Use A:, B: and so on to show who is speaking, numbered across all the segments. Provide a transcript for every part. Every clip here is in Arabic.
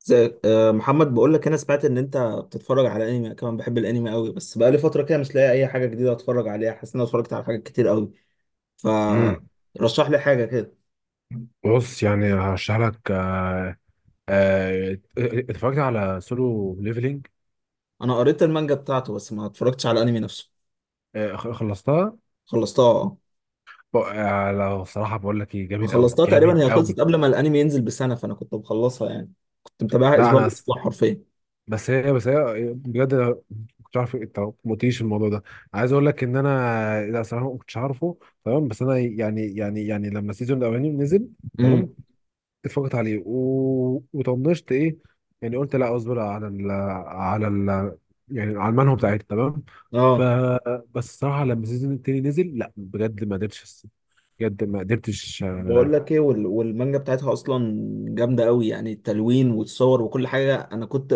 A: زي محمد بقول لك انا سمعت ان انت بتتفرج على انمي. أنا كمان بحب الانمي قوي، بس بقالي فتره كده مش لاقي اي حاجه جديده اتفرج عليها، حاسس ان انا اتفرجت على حاجات كتير قوي.
B: امم
A: فرشح لي حاجه كده.
B: بص، يعني هشرح لك. اتفرجت على سولو ليفلينج.
A: انا قريت المانجا بتاعته بس ما اتفرجتش على الانمي نفسه.
B: خلصتها.
A: خلصتها اه.
B: لو صراحه بقول لك ايه،
A: أنا
B: جامد قوي
A: خلصتها تقريبا،
B: جامد
A: هي
B: قوي.
A: خلصت قبل ما الانمي ينزل بسنه، فانا كنت مخلصها يعني. كنت متابعها
B: لا
A: اسبوع
B: انا س-
A: باسبوع حرفيا.
B: بس هي بجد، أنا ما كنتش عارف. انت ما قلتليش الموضوع ده. عايز اقول لك ان انا، لا صراحه ما كنتش عارفه. تمام. بس انا يعني لما السيزون الاولاني نزل. تمام.
A: امم،
B: اتفقت عليه وطنشت، ايه يعني. قلت لا، اصبر على على ال... يعني على المنهو بتاعتي. تمام. ف
A: اه.
B: بس الصراحه لما السيزون التاني نزل، لا بجد ما قدرتش. بجد ما قدرتش
A: بقول
B: آه...
A: لك ايه، وال- والمانجا بتاعتها اصلا جامده قوي يعني، التلوين والصور وكل حاجه. انا كنت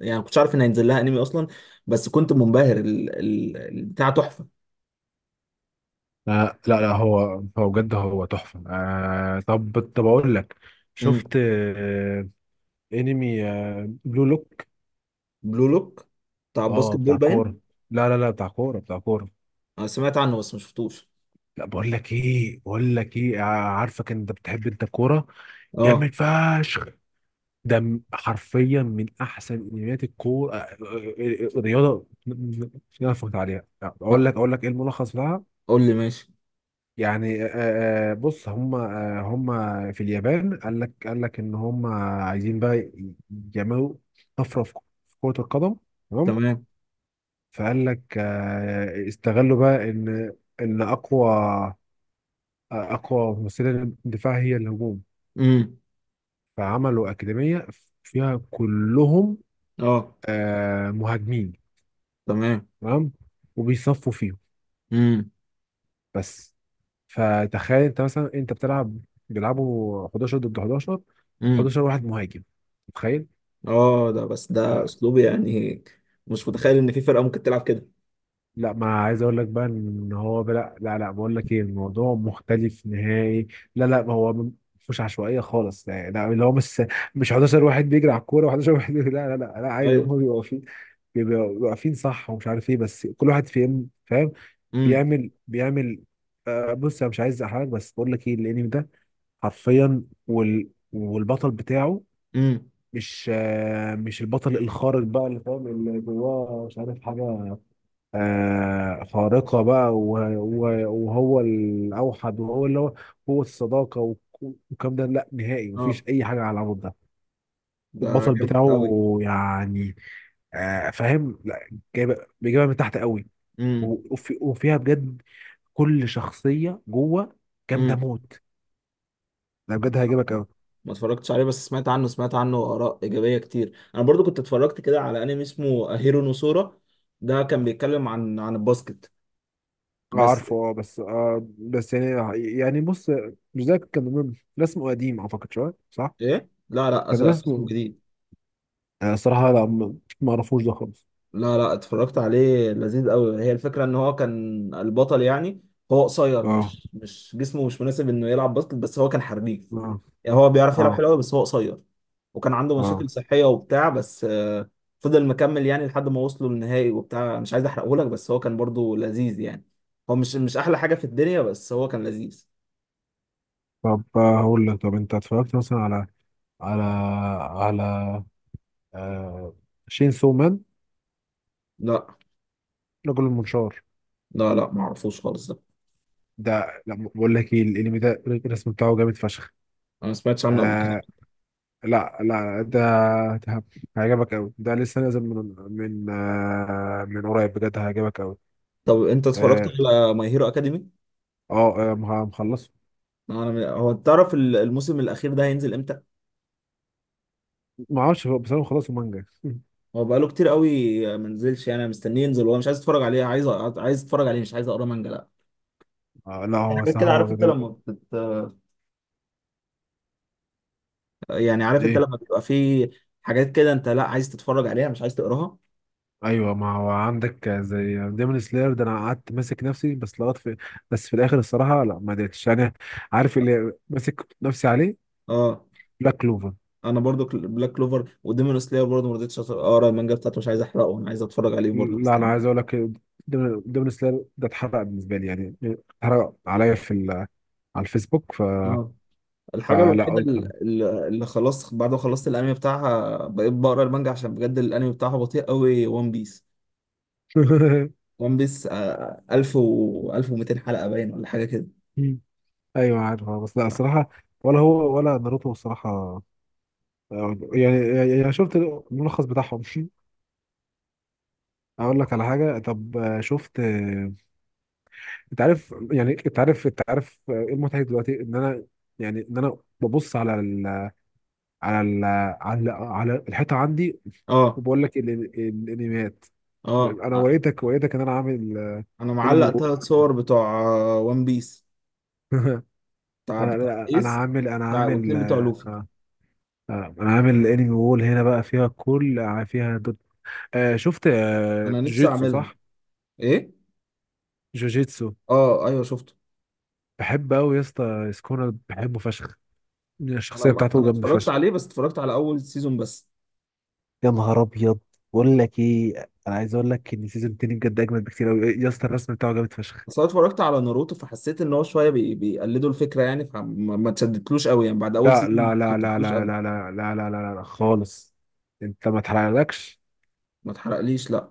A: يعني ما كنتش عارف ان هينزل لها انمي اصلا، بس كنت منبهر البتاع، تحفه.
B: آه... لا لا، هو بجد هو تحفه. طب اقول لك.
A: امم.
B: شفت انمي بلو لوك.
A: بلو لوك، بتاع الباسكت
B: اه
A: بول
B: بتاع كوره.
A: باين؟
B: لا لا لا، بتاع كوره
A: انا سمعت عنه بس ما شفتوش.
B: لا، بقول لك ايه، عارفك انت بتحب انت الكوره.
A: اه.
B: جامد فشخ. حرفيا من احسن انميات الكوره، رياضه اللي انا اتفرجت عليها. اقول
A: ما-
B: لك اقول لك ايه الملخص لها.
A: قول لي، ماشي.
B: يعني بص، هم في اليابان. قال لك ان هم عايزين بقى يعملوا طفره في كره القدم. تمام.
A: تمام.
B: فقال لك استغلوا بقى ان اقوى ممثله الدفاع هي الهجوم.
A: امم.
B: فعملوا اكاديميه فيها كلهم
A: اه.
B: مهاجمين.
A: تمام.
B: تمام. وبيصفوا فيهم
A: امم
B: بس. فتخيل انت مثلا، انت بتلعب، بيلعبوا 11 ضد 11.
A: امم.
B: 11 واحد مهاجم. متخيل؟
A: اه، ده بس ده
B: آه
A: اسلوب يعني، مش متخيل ان في فرقه ممكن تلعب كده.
B: لا، ما عايز اقول لك بقى ان هو، لا لا لا، بقول لك ايه، الموضوع مختلف نهائي. لا لا، ما هو مش عشوائيه خالص. لا لا، اللي هو مش 11 واحد بيجري على الكوره و11 واحد لا لا لا لا، عادي
A: ايوه.
B: هم بيبقوا واقفين. بيبقوا واقفين صح، ومش عارف ايه، بس كل واحد فيهم فاهم
A: امم
B: بيعمل. بص، انا مش عايز احرج، بس بقول لك ايه، الانمي ده حرفيا، والبطل بتاعه
A: امم.
B: مش مش البطل الخارق بقى، اللي فاهم اللي جواه مش عارف حاجة خارقة بقى، وهو الأوحد، وهو اللي هو هو الصداقة والكلام ده، لا نهائي مفيش
A: اه،
B: أي حاجة على العمود ده.
A: ده
B: البطل
A: جامد
B: بتاعه يعني فاهم؟ لا، جايبة بيجيبها من تحت قوي.
A: قوي.
B: وفيها بجد كل شخصية جوه جامدة
A: امم.
B: موت. لا بجد هيعجبك قوي.
A: ما اتفرجتش عليه، بس سمعت عنه، سمعت عنه آراء إيجابية كتير. أنا برضو كنت اتفرجت كده على أنمي اسمه هيرو نوسورا. ده كان بيتكلم عن الباسكت بس.
B: عارفه. اه، بس بس يعني، بص، مش ده كان رسمه قديم، اعتقد شويه، صح؟
A: إيه؟ لا لا،
B: كان
A: اسمه
B: رسمه.
A: جديد.
B: صراحه لا، ما اعرفوش ده خالص.
A: لا لا، اتفرجت عليه، لذيذ قوي. هي الفكرة ان هو كان البطل يعني، هو قصير،
B: اه
A: مش مش جسمه مش مناسب انه يلعب باسكت، بس هو كان حريف
B: اه
A: يعني، هو بيعرف يلعب
B: اه
A: حلو قوي بس هو قصير. وكان عنده
B: اه.
A: مشاكل صحية وبتاع، بس فضل مكمل يعني لحد ما وصلوا للنهائي وبتاع. مش عايز احرقه لك، بس هو كان برضو لذيذ يعني. هو مش احلى حاجة في الدنيا، بس هو كان لذيذ.
B: طب هقول لك. طب انت اتفرجت مثلا على على آه شين سومان،
A: لا
B: رجل المنشار؟
A: لا لا، ما اعرفوش خالص ده.
B: ده، لا، بقول لك ايه، الانمي ده الرسم بتاعه جامد فشخ.
A: انا ما سمعتش عنه قبل
B: آه
A: كده.
B: لا لا، ده هيعجبك قوي. ده لسه نازل من من قريب، بجد هيعجبك قوي.
A: طب انت اتفرجت
B: اه،
A: على ماي هيرو اكاديمي؟
B: مخلصه.
A: انا هو تعرف الموسم الاخير ده هينزل امتى؟
B: ما اعرفش بس انا مخلصه مانجا
A: هو بقاله كتير قوي ما نزلش يعني، انا مستنيه ينزل والله، مش عايز اتفرج عليه، عايز عايز اتفرج عليه، مش عايز اقرا مانجا، لا.
B: لا هو
A: حاجات
B: صح،
A: كده، عارف
B: هو
A: انت
B: جدول.
A: لما يعني عارف انت
B: ايه.
A: لما بيبقى في حاجات كده، انت لا عايز تتفرج عليها مش عايز تقراها.
B: ايوه، ما هو عندك زي ديمون سلاير ده، انا قعدت ماسك نفسي بس لغايه في، بس في الاخر الصراحه لا، ما قدرتش انا. عارف اللي ماسك نفسي عليه؟
A: اه.
B: بلاك كلوفر.
A: انا برضو بلاك كلوفر وديمون سلاير برضو ما رضيتش اقرا المانجا بتاعته، مش عايز احرقه، انا عايز اتفرج عليه برضو،
B: لا انا عايز اقول
A: مستنيه.
B: لك، ديمون سلاير ده اتحرق بالنسبه لي يعني. اتحرق عليا في على الفيسبوك
A: اه. الحاجه
B: فلا،
A: الوحيده
B: قلت
A: اللي خلاص بعد ما خلصت الانمي بتاعها بقيت بقرا المانجا، عشان بجد الانمي بتاعها بطيء قوي، وان بيس. وان بيس 1000 و 1200 حلقه باين ولا حاجه كده.
B: ايوه عارف، بس لا الصراحه، ولا هو ولا ناروتو الصراحه، يعني، شفت الملخص بتاعهم اقول لك على حاجه. طب شفت انت عارف، يعني انت عارف، ايه المضحك دلوقتي؟ ان انا يعني، ان انا ببص على على الحيطه عندي،
A: اه
B: وبقول لك الانميات.
A: اه،
B: انا وريتك، ان انا عامل
A: انا
B: انمي
A: معلق
B: وول
A: ثلاث صور، بتوع وان بيس،
B: انا
A: بتاع
B: انا أنا
A: ايس،
B: عامل انا
A: بتاع
B: عامل
A: واتنين بتوع
B: آه،
A: لوفي.
B: آه، آه، انا عامل انمي وول هنا بقى، فيها كل، فيها دوت. شفت
A: انا نفسي
B: جوجيتسو،
A: اعملها.
B: صح؟
A: ايه؟
B: جوجيتسو
A: اه ايوه شفته.
B: بحب قوي يا اسطى، سكونر بحبه فشخ.
A: انا
B: الشخصيه
A: ما...
B: بتاعته
A: انا
B: جامده
A: اتفرجت
B: فشخ.
A: عليه بس اتفرجت على اول سيزون بس.
B: يا نهار ابيض، بقول لك ايه، انا عايز اقول لك ان سيزون 2 بجد اجمد بكتير قوي يا اسطى، الرسم بتاعه جامد فشخ.
A: بس انا اتفرجت على ناروتو فحسيت ان هو شويه بيقلدوا الفكره يعني، فما ما اتشدتلوش قوي يعني، بعد اول
B: لا
A: سيزون ما
B: لا لا لا
A: اتشدتلوش
B: لا
A: قوي.
B: لا لا لا لا لا لا، خالص، انت ما تحرقلكش.
A: ما اتحرقليش لا.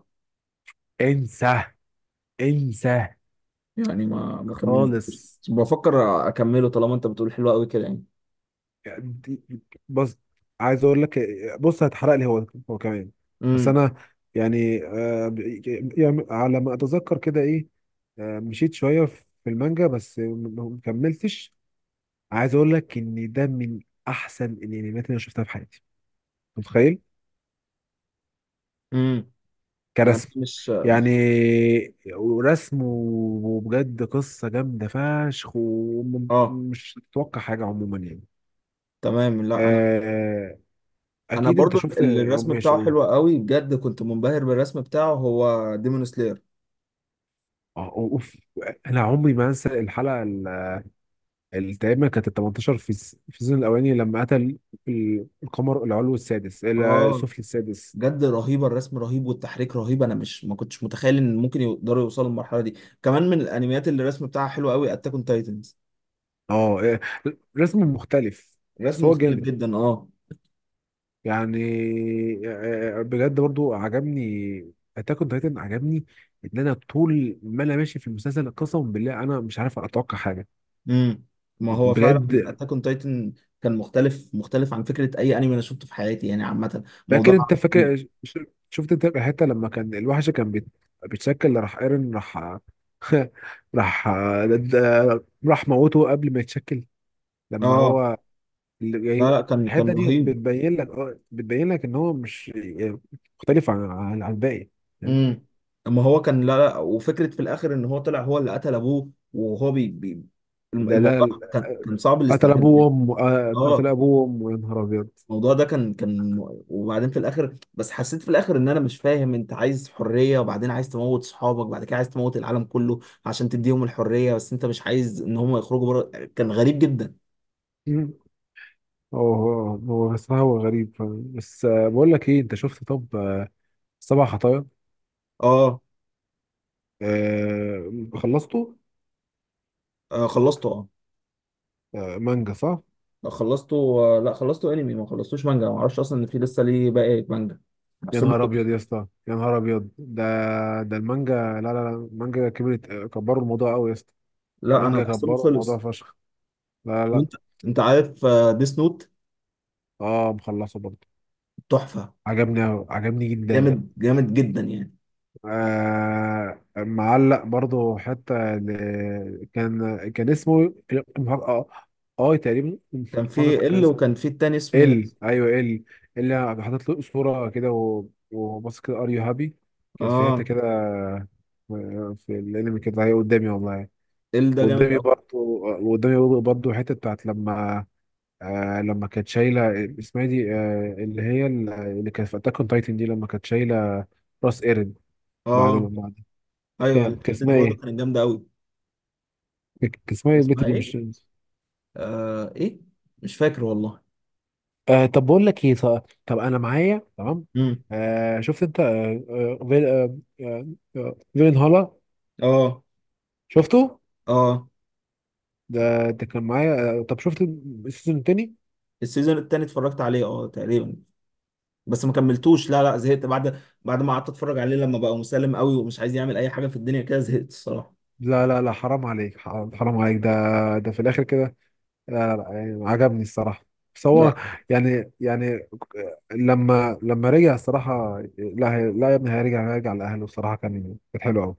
B: انسى انسى
A: يعني ما كملتوش،
B: خالص.
A: بس بفكر اكمله طالما انت بتقول حلو قوي كده يعني.
B: يعني بص، عايز اقول لك، بص هتحرق لي هو، هو كمان. بس
A: امم.
B: انا يعني، يعني على ما اتذكر كده، ايه، مشيت شويه في المانجا بس ما كملتش. عايز اقول لك ان ده من احسن الانميات اللي انا شفتها في حياتي. أنت متخيل؟
A: امم. يعني
B: كرسم
A: مش،
B: يعني، ورسم، وبجد قصه جامده فشخ،
A: اه،
B: ومش تتوقع حاجه عموما يعني.
A: تمام. لا انا،
B: آه
A: انا
B: اكيد انت
A: برضو
B: شفت. اه
A: الرسم
B: ماشي.
A: بتاعه حلو قوي بجد، كنت منبهر بالرسم بتاعه هو، ديمون سلاير.
B: اه اوف. انا عمري ما انسى الحلقه التقريبا كانت ال 18 في في السيزون الاولاني، لما قتل القمر العلوي السادس،
A: اه.
B: السفلي السادس.
A: بجد رهيبه، الرسم رهيب والتحريك رهيب، انا مش ما كنتش متخيل ان ممكن يقدروا يوصلوا للمرحله دي. كمان من الانميات اللي الرسم بتاعها حلو قوي، اتاك اون تايتنز.
B: اه إيه، رسم مختلف. بس
A: الرسم
B: هو
A: مختلف
B: جامد
A: جدا اه.
B: يعني، بجد برضو عجبني اتاك اون تايتن، عجبني ان انا طول ما انا ماشي في المسلسل قسما بالله انا مش عارف اتوقع حاجه،
A: امم. ما هو فعلا
B: بجد.
A: اتاك اون تايتن كان مختلف، مختلف عن فكره اي انمي انا شفته في حياتي يعني. عامه
B: فاكر؟
A: موضوع،
B: انت فاكر، ش- شفت انت الحته لما كان الوحش كان بيتشكل، راح ايرن، راح راح راح موته قبل ما يتشكل. لما
A: اه.
B: هو اللي
A: لا
B: جاي-
A: لا، كان
B: الحته دي
A: رهيب.
B: بتبين لك، اه بتبين لك ان هو مش يعني مختلف عن الباقي. فاهم؟
A: امم. اما هو كان، لا لا، وفكره في الاخر ان هو طلع هو اللي قتل ابوه، وهو بي بي
B: لا
A: الموضوع
B: لا،
A: كان، كان صعب
B: قتل
A: الاستيعاب
B: ابوه
A: يعني.
B: وامه. اه، قتل
A: اه.
B: ابوه وامه. يا نهار ابيض
A: الموضوع ده كان، كان، وبعدين في الاخر، بس حسيت في الاخر ان انا مش فاهم، انت عايز حريه، وبعدين عايز تموت صحابك، بعد كده عايز تموت العالم كله عشان تديهم الحريه، بس انت مش عايز ان هم يخرجوا بره. كان غريب جدا.
B: مم. هو بصراحة، هو غريب، فاهم؟ بس بقول لك ايه، انت شفت طب سبع خطايا؟
A: اه.
B: خلصته.
A: آه خلصته اه.
B: مانجا صح؟
A: لا، خلصته. آه لا، خلصته انمي، ما خلصتوش مانجا، ما اعرفش اصلا ان في لسه ليه باقي مانجا،
B: يا
A: بحسبه
B: نهار ابيض يا
A: خلص.
B: اسطى، يا نهار ابيض، ده ده المانجا، لا لا لا، المانجا كبرت، كبروا الموضوع قوي يا اسطى.
A: لا انا
B: المانجا
A: بحسبه
B: كبروا الموضوع
A: خلص.
B: فشخ. لا لا لا.
A: وانت انت عارف آه، ديس نوت؟
B: اه مخلصه برضه،
A: تحفه.
B: عجبني قوي، عجبني جدا.
A: جامد، جامد جدا يعني.
B: معلق برضه حتى كان اسمه اه اه تقريبا.
A: كان في
B: كان
A: ال، وكان في التاني اسمه،
B: ال، ايوه ال، اللي حاطط له صوره كده و- وبص كده، ار يو هابي، كانت في حته
A: اه،
B: كده في الانمي كده، هي قدامي والله.
A: ال، ده جامد
B: وقدامي
A: قوي.
B: برضه، حته بتاعت لما لما كانت شايله، اسمها إيه دي، اللي هي اللي كانت في اتاك اون تايتن دي لما كانت شايله راس ايرن. بعد ما
A: اه
B: بعد،
A: ايوه،
B: كان
A: الحته دي
B: اسمها
A: برضه
B: ايه؟
A: كانت جامده قوي.
B: كان اسمها ايه البت
A: اسمها
B: دي؟
A: ايه؟
B: مش
A: آه ايه، مش فاكر والله.
B: طب بقول لك ايه، طب، انا معايا تمام.
A: امم.
B: شفت انت فيلن هالا؟
A: اه.
B: شفته.
A: اه
B: ده كان معايا. طب شفت السيزون التاني؟
A: السيزون التاني اتفرجت عليه اه تقريبا، بس ما كملتوش لا لا، زهقت بعد ما قعدت اتفرج عليه لما بقى مسالم قوي ومش عايز يعمل اي حاجه في الدنيا كده، زهقت الصراحه.
B: لا لا لا، حرام عليك، حرام عليك، ده ده في الاخر كده. لا لا لا، يعني عجبني الصراحه. بس هو
A: لا.
B: يعني، لما رجع، الصراحه لا، لا يا ابني، هيرجع، لاهله. الصراحه كان كانت حلوه.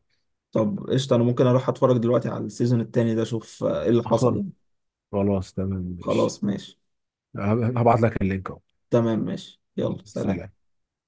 A: طب قشطه، انا ممكن اروح اتفرج دلوقتي على السيزون التاني ده، اشوف ايه اللي حصل
B: قوي،
A: يعني.
B: خلاص تمام ماشي.
A: خلاص ماشي.
B: هبعت لك اللينك اهو.
A: تمام ماشي، يلا سلام.
B: سلام.